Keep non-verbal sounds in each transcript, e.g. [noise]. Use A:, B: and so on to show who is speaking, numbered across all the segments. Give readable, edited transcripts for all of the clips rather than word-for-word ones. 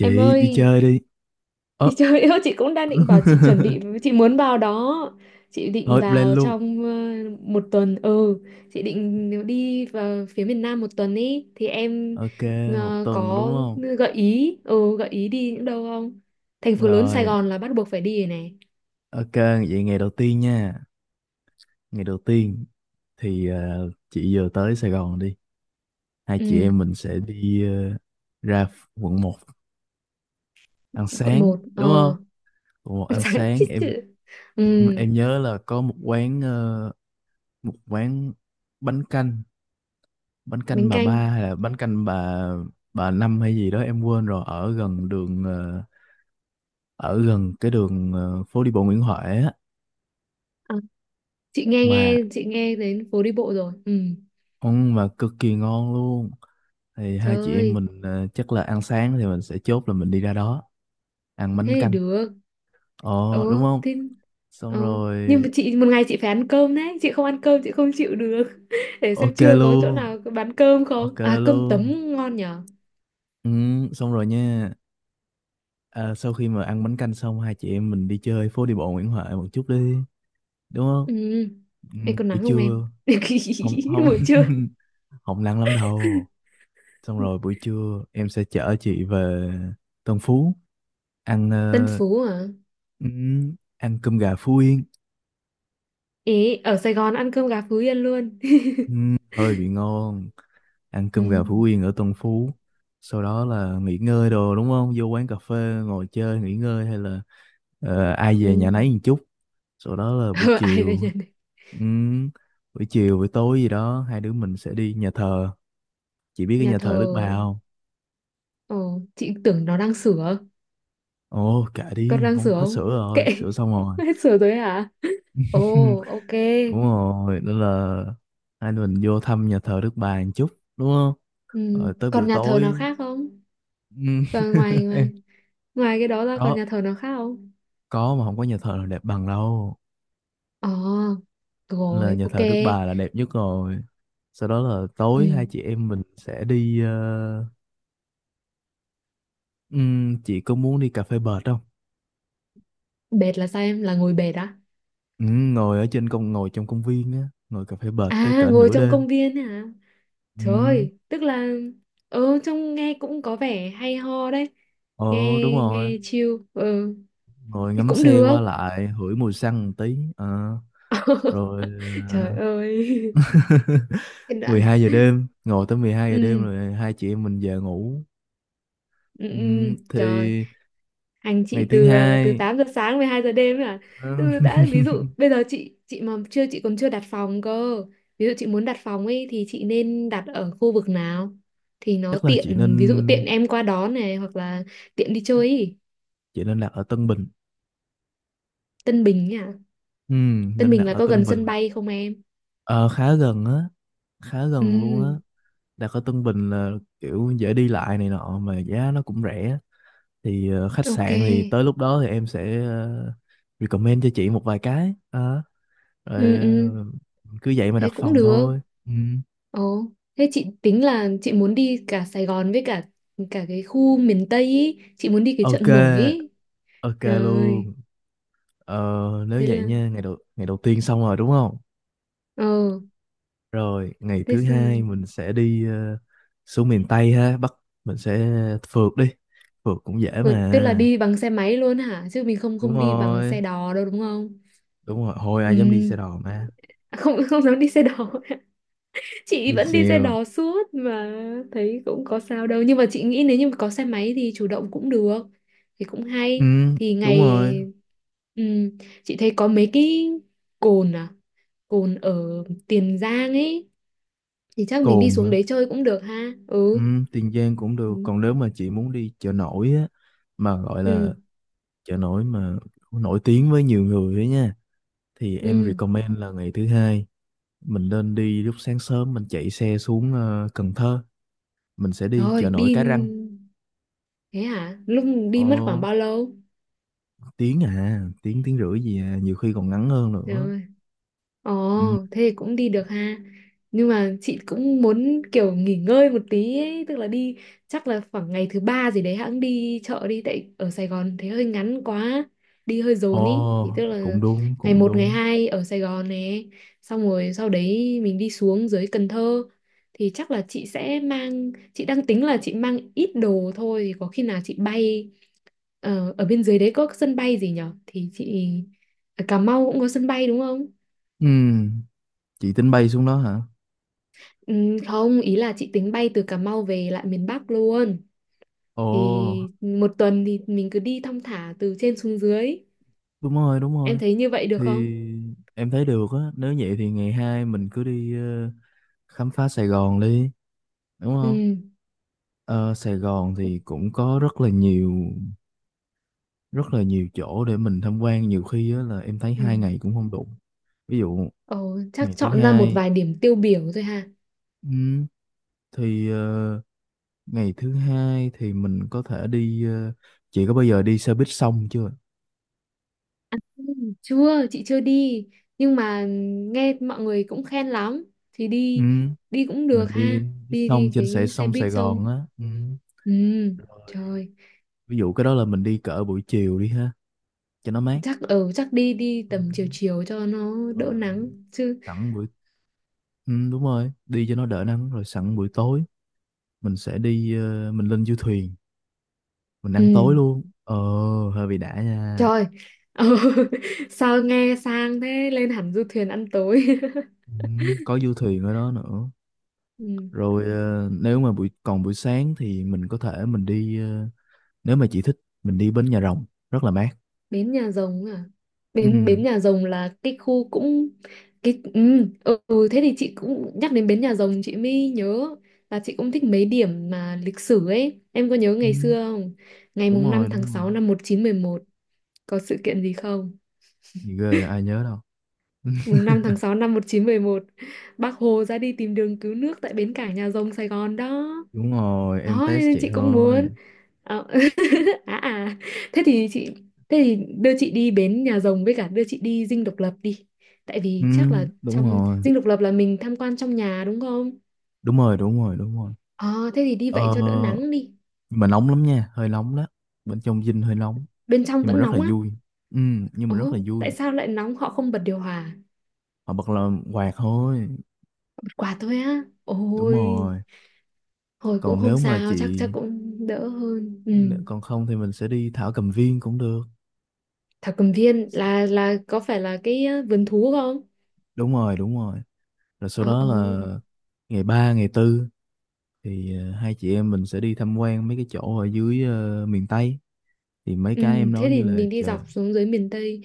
A: Em
B: đi
A: ơi,
B: chơi đi.
A: [laughs]
B: Ơ,
A: thì trời ơi chị cũng đang định bảo chị chuẩn
B: [laughs]
A: bị chị muốn vào đó. Chị định
B: thôi plan
A: vào
B: luôn.
A: trong một tuần. Ừ, chị định đi vào phía miền Nam một tuần ý thì em
B: Ok, một tuần đúng
A: có
B: không?
A: gợi ý đi những đâu không? Thành phố lớn Sài
B: Rồi,
A: Gòn là bắt buộc phải đi rồi này.
B: ok, vậy ngày đầu tiên nha. Ngày đầu tiên thì chị vừa tới Sài Gòn đi. Hai chị
A: Ừ,
B: em mình sẽ đi ra quận một ăn
A: quận
B: sáng,
A: một
B: đúng không?
A: Ờ,
B: Quận 1 ăn
A: [laughs] sáng
B: sáng,
A: chết chữ.
B: em
A: Ừ,
B: em nhớ là có một quán một quán bánh canh, bánh canh
A: bánh
B: bà ba
A: canh.
B: hay là bánh canh bà năm hay gì đó em quên rồi ở gần đường ở gần cái đường phố đi bộ Nguyễn Huệ á
A: À, chị nghe
B: mà
A: nghe, chị nghe đến phố đi bộ rồi. Ừ.
B: ăn mà cực kỳ ngon luôn. Thì
A: Trời
B: hai chị em
A: ơi,
B: mình chắc là ăn sáng thì mình sẽ chốt là mình đi ra đó ăn
A: thế
B: bánh
A: thì
B: canh,
A: được.
B: ờ đúng
A: Ừ
B: không?
A: thế,
B: Xong
A: ừ. Nhưng
B: rồi,
A: mà chị một ngày chị phải ăn cơm đấy, chị không ăn cơm chị không chịu được. [laughs] Để xem
B: ok
A: trưa có chỗ
B: luôn,
A: nào có bán cơm
B: ok
A: không, à cơm tấm
B: luôn,
A: ngon nhở.
B: ừ, xong rồi nha. À, sau khi mà ăn bánh canh xong hai chị em mình đi chơi phố đi bộ Nguyễn Huệ một chút đi, đúng không?
A: Ừ.
B: Ừ,
A: Ê, còn
B: buổi
A: nắng không em?
B: trưa không
A: [laughs]
B: không
A: Buổi trưa.
B: [laughs] không nắng lắm đâu. Xong rồi buổi trưa em sẽ chở chị về Tân Phú ăn
A: Tân Phú à?
B: ăn cơm gà Phú Yên.
A: Ý ở Sài Gòn ăn cơm gà Phú Yên luôn. [laughs]
B: Hơi bị ngon, ăn
A: Ừ,
B: cơm gà Phú Yên ở Tân Phú. Sau đó là nghỉ ngơi đồ đúng không, vô quán cà phê ngồi chơi nghỉ ngơi hay là ai về
A: ừ.
B: nhà nấy một chút. Sau đó là buổi
A: Ờ, ai về
B: chiều,
A: nhà,
B: ừm, buổi chiều buổi tối gì đó hai đứa mình sẽ đi nhà thờ. Chị biết cái
A: nhà
B: nhà
A: thờ.
B: thờ Đức Bà không?
A: ờ chị tưởng nó đang sửa,
B: Ồ kệ
A: con
B: đi,
A: đang
B: không
A: sửa
B: hết sữa
A: không, kệ.
B: rồi, sữa xong rồi.
A: [laughs] Hết sửa rồi hả?
B: [laughs]
A: Ồ, ok.
B: Đúng rồi, nên là hai đứa mình vô thăm nhà thờ Đức Bà một chút, đúng không?
A: Ừ.
B: Rồi tới
A: Còn
B: buổi
A: nhà thờ nào
B: tối,
A: khác không?
B: ừm,
A: Còn ngoài
B: [laughs]
A: ngoài ngoài cái đó ra còn
B: có
A: nhà thờ nào khác không?
B: có mà không có nhà thờ nào đẹp bằng đâu,
A: Ờ,
B: là
A: rồi,
B: nhà
A: ok.
B: thờ Đức Bà là đẹp nhất rồi. Sau đó là tối
A: Ừ.
B: hai chị em mình sẽ đi chị có muốn đi cà phê bệt không?
A: Bệt là sao em? Là ngồi bệt á?
B: Ngồi ở trên công, ngồi trong công viên á, ngồi cà phê bệt tới
A: À,
B: cỡ
A: ngồi
B: nửa
A: trong
B: đêm.
A: công viên ấy hả? Trời
B: Ừm,
A: ơi, tức là, ừ, trông nghe cũng có vẻ hay ho đấy. Nghe
B: ồ đúng rồi,
A: nghe chill. Ừ,
B: ngồi
A: thì
B: ngắm
A: cũng
B: xe qua
A: được.
B: lại hửi mùi xăng một tí. Ờ, rồi
A: [laughs] Trời
B: ờ,
A: ơi.
B: [laughs]
A: Cái đoạn.
B: 12 giờ đêm, ngồi tới 12 giờ đêm
A: Ừ.
B: rồi hai chị em mình về ngủ.
A: Ừ,
B: Ừ,
A: ừ, trời,
B: thì
A: hành
B: ngày
A: chị
B: thứ
A: từ từ
B: hai
A: 8 giờ sáng 12 giờ đêm ấy à.
B: ờ,
A: Ừ, đã
B: [laughs]
A: ví dụ bây giờ chị mà chưa chị còn chưa đặt phòng cơ. Ví dụ chị muốn đặt phòng ấy thì chị nên đặt ở khu vực nào thì nó
B: chắc là chị
A: tiện, ví dụ
B: nên
A: tiện em qua đón này hoặc là tiện đi chơi ý.
B: chị nên đặt ở Tân Bình.
A: Tân Bình ấy à?
B: Ừ,
A: Tân
B: nên
A: Bình
B: đặt
A: là
B: ở
A: có
B: Tân
A: gần
B: Bình,
A: sân bay không em?
B: ờ, khá gần á, khá gần luôn á.
A: Ừ,
B: Đặt ở Tân Bình là kiểu dễ đi lại này nọ mà giá nó cũng rẻ. Thì khách
A: ok.
B: sạn thì tới lúc đó thì em sẽ recommend cho chị một vài cái. Ờ, rồi
A: Ừ, ừ,
B: cứ vậy mà đặt
A: thế cũng
B: phòng
A: được.
B: thôi. Ừ.
A: Ồ, thế chị tính là chị muốn đi cả Sài Gòn với cả cả cái khu miền Tây ý. Chị muốn đi cái chợ
B: Ok,
A: nổi ý.
B: ok
A: Trời ơi,
B: luôn. Ờ, nếu
A: thế là
B: vậy nha, ngày đầu tiên xong rồi đúng không?
A: ờ,
B: Rồi, ngày
A: thế
B: thứ
A: xong
B: hai
A: rồi.
B: mình sẽ đi xuống miền Tây ha, Bắc mình sẽ phượt đi. Phượt cũng dễ
A: Ờ, tức là
B: mà.
A: đi bằng xe máy luôn hả? Chứ mình không
B: Đúng
A: không đi bằng
B: rồi,
A: xe đò đâu đúng không?
B: đúng rồi, hồi
A: Ừ,
B: ai dám đi xe đò mà.
A: à, không, [laughs] không dám đi xe đò. [laughs] Chị
B: Đi
A: vẫn đi xe
B: xèo.
A: đò suốt mà thấy cũng có sao đâu. Nhưng mà chị nghĩ nếu như có xe máy thì chủ động cũng được. Thì cũng
B: Ừ,
A: hay. Thì
B: đúng
A: ngày,
B: rồi.
A: ừ, chị thấy có mấy cái cồn à? Cồn ở Tiền Giang ấy thì chắc mình đi
B: Cồn hả?
A: xuống đấy chơi cũng được ha.
B: Ừ,
A: Ừ.
B: Tiền Giang cũng được,
A: Ừ.
B: còn nếu mà chị muốn đi chợ nổi á mà gọi là
A: ừ
B: chợ nổi mà nổi tiếng với nhiều người ấy nha, thì em
A: ừ
B: recommend là ngày thứ hai mình nên đi lúc sáng sớm, mình chạy xe xuống Cần Thơ, mình sẽ đi
A: rồi
B: chợ nổi
A: đi,
B: Cái Răng.
A: thế hả lúc đi
B: Ồ.
A: mất khoảng bao lâu?
B: Tiếng à, tiếng tiếng rưỡi gì à, nhiều khi còn ngắn hơn nữa.
A: Rồi.
B: Ừ.
A: Ồ, thế thì cũng đi được ha. Nhưng mà chị cũng muốn kiểu nghỉ ngơi một tí ấy, tức là đi chắc là khoảng ngày thứ ba gì đấy hãng đi chợ đi, tại ở Sài Gòn thế hơi ngắn quá, đi hơi
B: Ồ
A: dồn ý. Thì tức là
B: cũng đúng,
A: ngày
B: cũng
A: một ngày
B: đúng.
A: 2 ở Sài Gòn này, xong rồi sau đấy mình đi xuống dưới Cần Thơ thì chắc là chị sẽ mang, chị đang tính là chị mang ít đồ thôi thì có khi nào chị bay, ở bên dưới đấy có sân bay gì nhở. Thì chị ở Cà Mau cũng có sân bay đúng không?
B: Ừ. Chị tính bay xuống đó hả?
A: Ừ, không, ý là chị tính bay từ Cà Mau về lại miền Bắc luôn. Thì
B: Ồ
A: một tuần thì mình cứ đi thong thả từ trên xuống dưới.
B: đúng rồi, đúng
A: Em
B: rồi.
A: thấy như vậy được
B: Thì
A: không?
B: em thấy được á, nếu vậy thì ngày hai mình cứ đi khám phá Sài Gòn đi, đúng không?
A: Ừ.
B: Ờ, Sài Gòn thì cũng có rất là nhiều, rất là nhiều chỗ để mình tham quan, nhiều khi á là em thấy hai ngày
A: Ừ.
B: cũng không đủ. Ví dụ
A: Ồ,
B: ngày
A: chắc
B: thứ
A: chọn ra một
B: hai,
A: vài điểm tiêu biểu thôi ha.
B: ừ, thì ờ, ngày thứ hai thì mình có thể đi chị có bao giờ đi xe buýt sông chưa?
A: Ừ, chưa, chị chưa đi. Nhưng mà nghe mọi người cũng khen lắm. Thì
B: Ừ,
A: đi, đi cũng được
B: mình đi
A: ha.
B: buýt
A: Đi
B: sông
A: đi
B: trên
A: cái xe
B: sông
A: buýt
B: Sài
A: xong.
B: Gòn á. Ừ.
A: Ừ,
B: Rồi,
A: trời.
B: ví dụ cái đó là mình đi cỡ buổi chiều đi ha, cho nó mát.
A: Chắc ở, chắc đi đi
B: Ừ.
A: tầm chiều chiều cho nó đỡ
B: Rồi,
A: nắng chứ.
B: sẵn buổi đúng rồi, đi cho nó đỡ nắng rồi sẵn buổi tối mình sẽ đi mình lên du thuyền, mình
A: Ừ.
B: ăn tối luôn. Ờ hơi bị đã nha.
A: Trời, ừ. [laughs] Sao nghe sang thế, lên hẳn du thuyền ăn tối.
B: Ừ, có du thuyền ở đó nữa.
A: [laughs] Ừ.
B: Rồi nếu mà buổi sáng thì mình có thể mình đi nếu mà chị thích mình đi bến Nhà Rồng, rất là mát.
A: Bến Nhà Rồng à? Bến
B: Ừ,
A: Bến Nhà Rồng là cái khu cũng cái, ừ, ừ ừ, thế thì chị cũng nhắc đến Bến Nhà Rồng chị mới nhớ là chị cũng thích mấy điểm mà lịch sử ấy. Em có nhớ
B: ừ,
A: ngày xưa không? Ngày
B: đúng
A: mùng
B: rồi
A: 5 tháng
B: đúng rồi.
A: 6 năm 1911 có sự kiện gì không?
B: Gì ghê ai nhớ đâu.
A: 5/6/1911 Bác Hồ ra đi tìm đường cứu nước tại bến cảng Nhà Rồng Sài Gòn đó.
B: Đúng rồi, em
A: Đó
B: test
A: nên
B: chị
A: chị cũng
B: ơi.
A: muốn. Ờ, [laughs] à, à, thế thì chị, thế thì đưa chị đi bến Nhà Rồng với cả đưa chị đi Dinh Độc Lập đi, tại
B: Ừ,
A: vì chắc là
B: đúng
A: trong
B: rồi,
A: Dinh Độc Lập là mình tham quan trong nhà đúng không.
B: đúng rồi, đúng rồi, đúng rồi.
A: Ờ thế thì đi vậy
B: Ờ,
A: cho đỡ nắng đi.
B: nhưng mà nóng lắm nha, hơi nóng đó, bên trong dinh hơi nóng
A: Bên trong
B: nhưng mà
A: vẫn
B: rất là
A: nóng á?
B: vui. Ừ, nhưng mà rất là
A: Ồ tại
B: vui.
A: sao lại nóng, họ không bật điều hòa?
B: Họ bật là quạt thôi.
A: Bật quạt thôi á?
B: Đúng
A: Ôi
B: rồi.
A: hồi cũng
B: Còn
A: không
B: nếu mà
A: sao, chắc
B: chị,
A: chắc cũng đỡ hơn. Ừ.
B: nếu- còn không thì mình sẽ đi Thảo Cầm Viên cũng được.
A: Thảo Cầm Viên là có phải là cái vườn thú không?
B: Đúng rồi, đúng rồi. Rồi sau
A: Ờ,
B: đó
A: ờ.
B: là ngày 3 ngày tư thì hai chị em mình sẽ đi tham quan mấy cái chỗ ở dưới miền Tây, thì mấy
A: Ừ,
B: cái em
A: thế
B: nói như
A: thì
B: là
A: mình đi
B: chợ.
A: dọc xuống dưới miền Tây.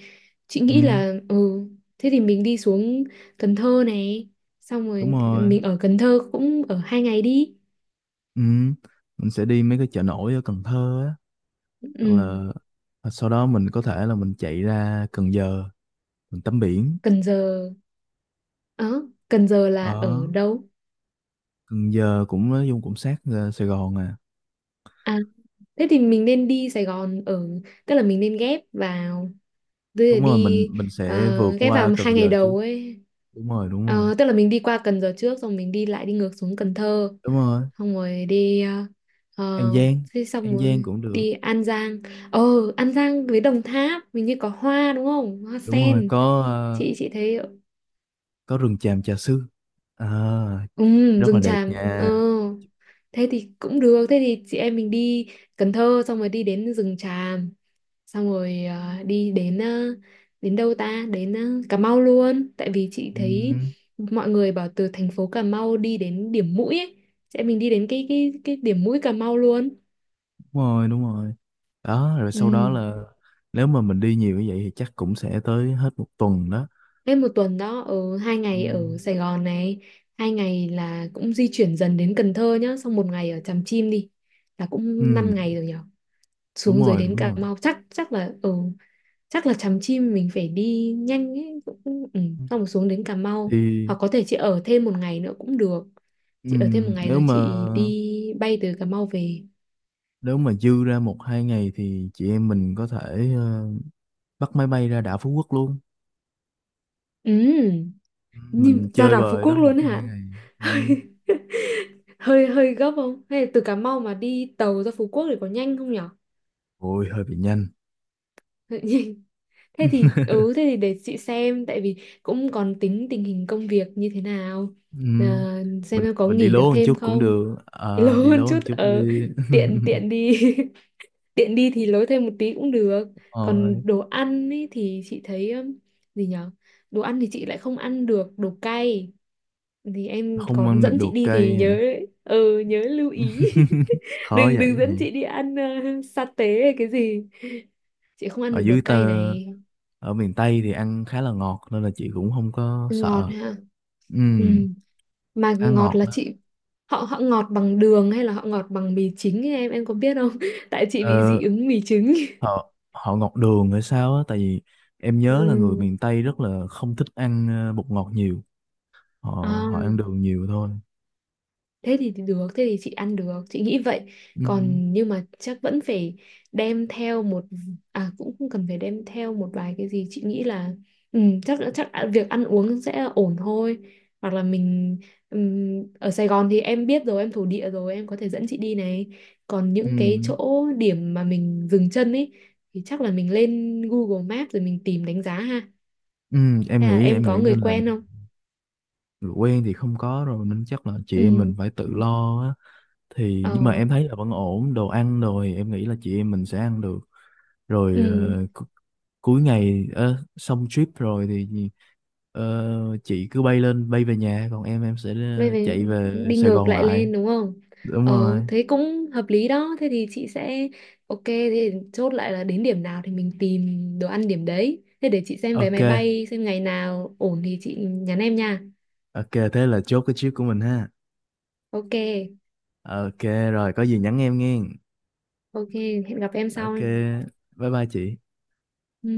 A: Chị
B: Ừ
A: nghĩ là, ừ, thế thì mình đi xuống Cần Thơ này, xong
B: đúng
A: rồi
B: rồi.
A: mình ở Cần Thơ cũng ở 2 ngày đi.
B: Ừ, mình sẽ đi mấy cái chợ nổi ở Cần Thơ á. Hoặc
A: Ừ,
B: là hoặc sau đó mình có thể là mình chạy ra Cần Giờ mình tắm biển.
A: Cần Giờ, ờ, Cần Giờ là
B: Ở
A: ở đâu?
B: Cần Giờ cũng nói chung cũng sát Sài Gòn à.
A: À, thế thì mình nên đi Sài Gòn ở, tức là mình nên ghép vào, tức là
B: Đúng rồi, mình
A: đi
B: mình sẽ vượt
A: ghép
B: qua
A: vào
B: Cần
A: 2 ngày
B: Giờ chứ.
A: đầu ấy.
B: Đúng rồi, đúng rồi,
A: Ờ, tức là mình đi qua Cần Giờ trước, xong mình đi lại đi ngược xuống Cần Thơ,
B: đúng rồi,
A: xong rồi đi
B: An
A: ờ,
B: Giang.
A: thế xong
B: An Giang
A: rồi
B: cũng được.
A: đi An Giang. Ờ, An Giang với Đồng Tháp mình như có hoa đúng không, hoa
B: Đúng rồi,
A: sen?
B: có
A: Chị thấy,
B: có rừng tràm Trà Sư à,
A: ừ,
B: rất là
A: rừng
B: đẹp
A: tràm. Ờ
B: nha.
A: Thế thì cũng được, thế thì chị em mình đi Cần Thơ xong rồi đi đến rừng tràm, xong rồi đi đến đến đâu ta, đến Cà Mau luôn tại vì chị
B: Ừ,
A: thấy mọi người bảo từ thành phố Cà Mau đi đến điểm mũi ấy, chị em mình đi đến cái điểm mũi Cà Mau luôn.
B: đúng rồi, đúng rồi. Đó rồi sau đó
A: Ừ.
B: là, nếu mà mình đi nhiều như vậy thì chắc cũng sẽ tới hết một tuần đó.
A: Lên một tuần đó, ở hai
B: Ừ,
A: ngày ở Sài Gòn này, 2 ngày là cũng di chuyển dần đến Cần Thơ nhá, xong một ngày ở Tràm Chim đi. Là
B: ừ,
A: cũng 5 ngày rồi nhở.
B: đúng
A: Xuống dưới
B: rồi,
A: đến
B: đúng
A: Cà
B: rồi.
A: Mau chắc chắc là ở, chắc là Tràm Chim mình phải đi nhanh ấy cũng, ừ, xong rồi xuống đến Cà Mau.
B: Thì
A: Hoặc có thể chị ở thêm một ngày nữa cũng được.
B: ừ,
A: Chị ở thêm một ngày
B: nếu
A: rồi
B: mà,
A: chị đi bay từ Cà Mau về.
B: nếu mà dư ra một hai ngày thì chị em mình có thể bắt máy bay ra đảo Phú Quốc luôn.
A: Ừ.
B: Ừ, mình
A: Nhìn ra
B: chơi
A: đảo Phú
B: bời
A: Quốc
B: đó một
A: luôn
B: hai
A: hả?
B: ngày. Ừ.
A: [laughs] Hơi hơi hơi gấp không? Hay là từ Cà Mau mà đi tàu ra Phú Quốc thì có nhanh không nhở?
B: Ôi hơi bị nhanh.
A: Hơi nhanh. Thế thì ừ thế thì để chị xem tại vì cũng còn tính tình hình công việc như thế nào.
B: Ừ.
A: Ờ, xem
B: mình
A: em có
B: mình đi
A: nghỉ được
B: lố một
A: thêm
B: chút cũng
A: không?
B: được.
A: [laughs] Lâu
B: Ờ, đi
A: hơn
B: lố một
A: chút.
B: chút
A: Ờ,
B: đi.
A: tiện
B: [laughs]
A: tiện đi. [laughs] Tiện đi thì lối thêm một tí cũng được.
B: Ờ,
A: Còn đồ ăn ý thì chị thấy, gì nhở? Đồ ăn thì chị lại không ăn được đồ cay, thì em
B: không
A: có
B: ăn được
A: dẫn chị
B: đồ
A: đi thì
B: cây hả?
A: nhớ. Ừ nhớ lưu ý.
B: [laughs]
A: [laughs]
B: Khó
A: đừng đừng
B: vậy.
A: dẫn chị đi ăn sa tế hay cái gì, chị không ăn
B: Ở
A: được đồ
B: dưới tơ,
A: cay này.
B: ở miền Tây thì ăn khá là ngọt nên là chị cũng không có
A: Ngọt
B: sợ.
A: ha.
B: Ừ
A: Ừ. Mà
B: khá
A: ngọt
B: ngọt
A: là
B: đó.
A: chị, họ họ ngọt bằng đường hay là họ ngọt bằng mì chính ấy, em có biết không? [laughs] Tại chị bị
B: Ờ,
A: dị ứng mì trứng.
B: họ họ ngọt đường hay sao á, tại vì em
A: [laughs]
B: nhớ là người
A: Ừ.
B: miền Tây rất là không thích ăn bột ngọt nhiều, họ họ ăn
A: À.
B: đường nhiều thôi.
A: Thế thì được, thế thì chị ăn được chị nghĩ vậy.
B: Ừ,
A: Còn nhưng mà chắc vẫn phải đem theo một, à cũng không cần phải đem theo một vài cái gì, chị nghĩ là, ừ, chắc chắc việc ăn uống sẽ ổn thôi. Hoặc là mình, ở Sài Gòn thì em biết rồi, em thổ địa rồi, em có thể dẫn chị đi này. Còn
B: ừ,
A: những cái chỗ điểm mà mình dừng chân ấy thì chắc là mình lên Google Maps rồi mình tìm đánh giá ha.
B: ừ, em
A: Hay là
B: nghĩ
A: em
B: em
A: có
B: nghĩ
A: người
B: nên là
A: quen không?
B: quen thì không có rồi nên chắc là chị em mình
A: Ừ.
B: phải tự lo á. Thì nhưng mà
A: Ờ.
B: em thấy là vẫn ổn, đồ ăn đồ thì em nghĩ là chị em mình sẽ ăn được. Rồi
A: Ừ.
B: cu- cuối ngày xong trip rồi thì chị cứ bay lên bay về nhà, còn em sẽ
A: Vậy phải
B: chạy về
A: đi
B: Sài
A: ngược
B: Gòn
A: lại
B: lại.
A: lên đúng không?
B: Đúng
A: Ờ
B: rồi.
A: thế cũng hợp lý đó, thế thì chị sẽ, ok thế thì chốt lại là đến điểm nào thì mình tìm đồ ăn điểm đấy, thế để chị xem vé
B: Ok,
A: máy bay xem ngày nào ổn thì chị nhắn em nha.
B: ok thế là chốt cái trip của mình ha.
A: Ok.
B: Ok. Rồi có gì nhắn em nghe.
A: Ok. Hẹn gặp em sau.
B: Ok, bye bye chị.
A: Ừ.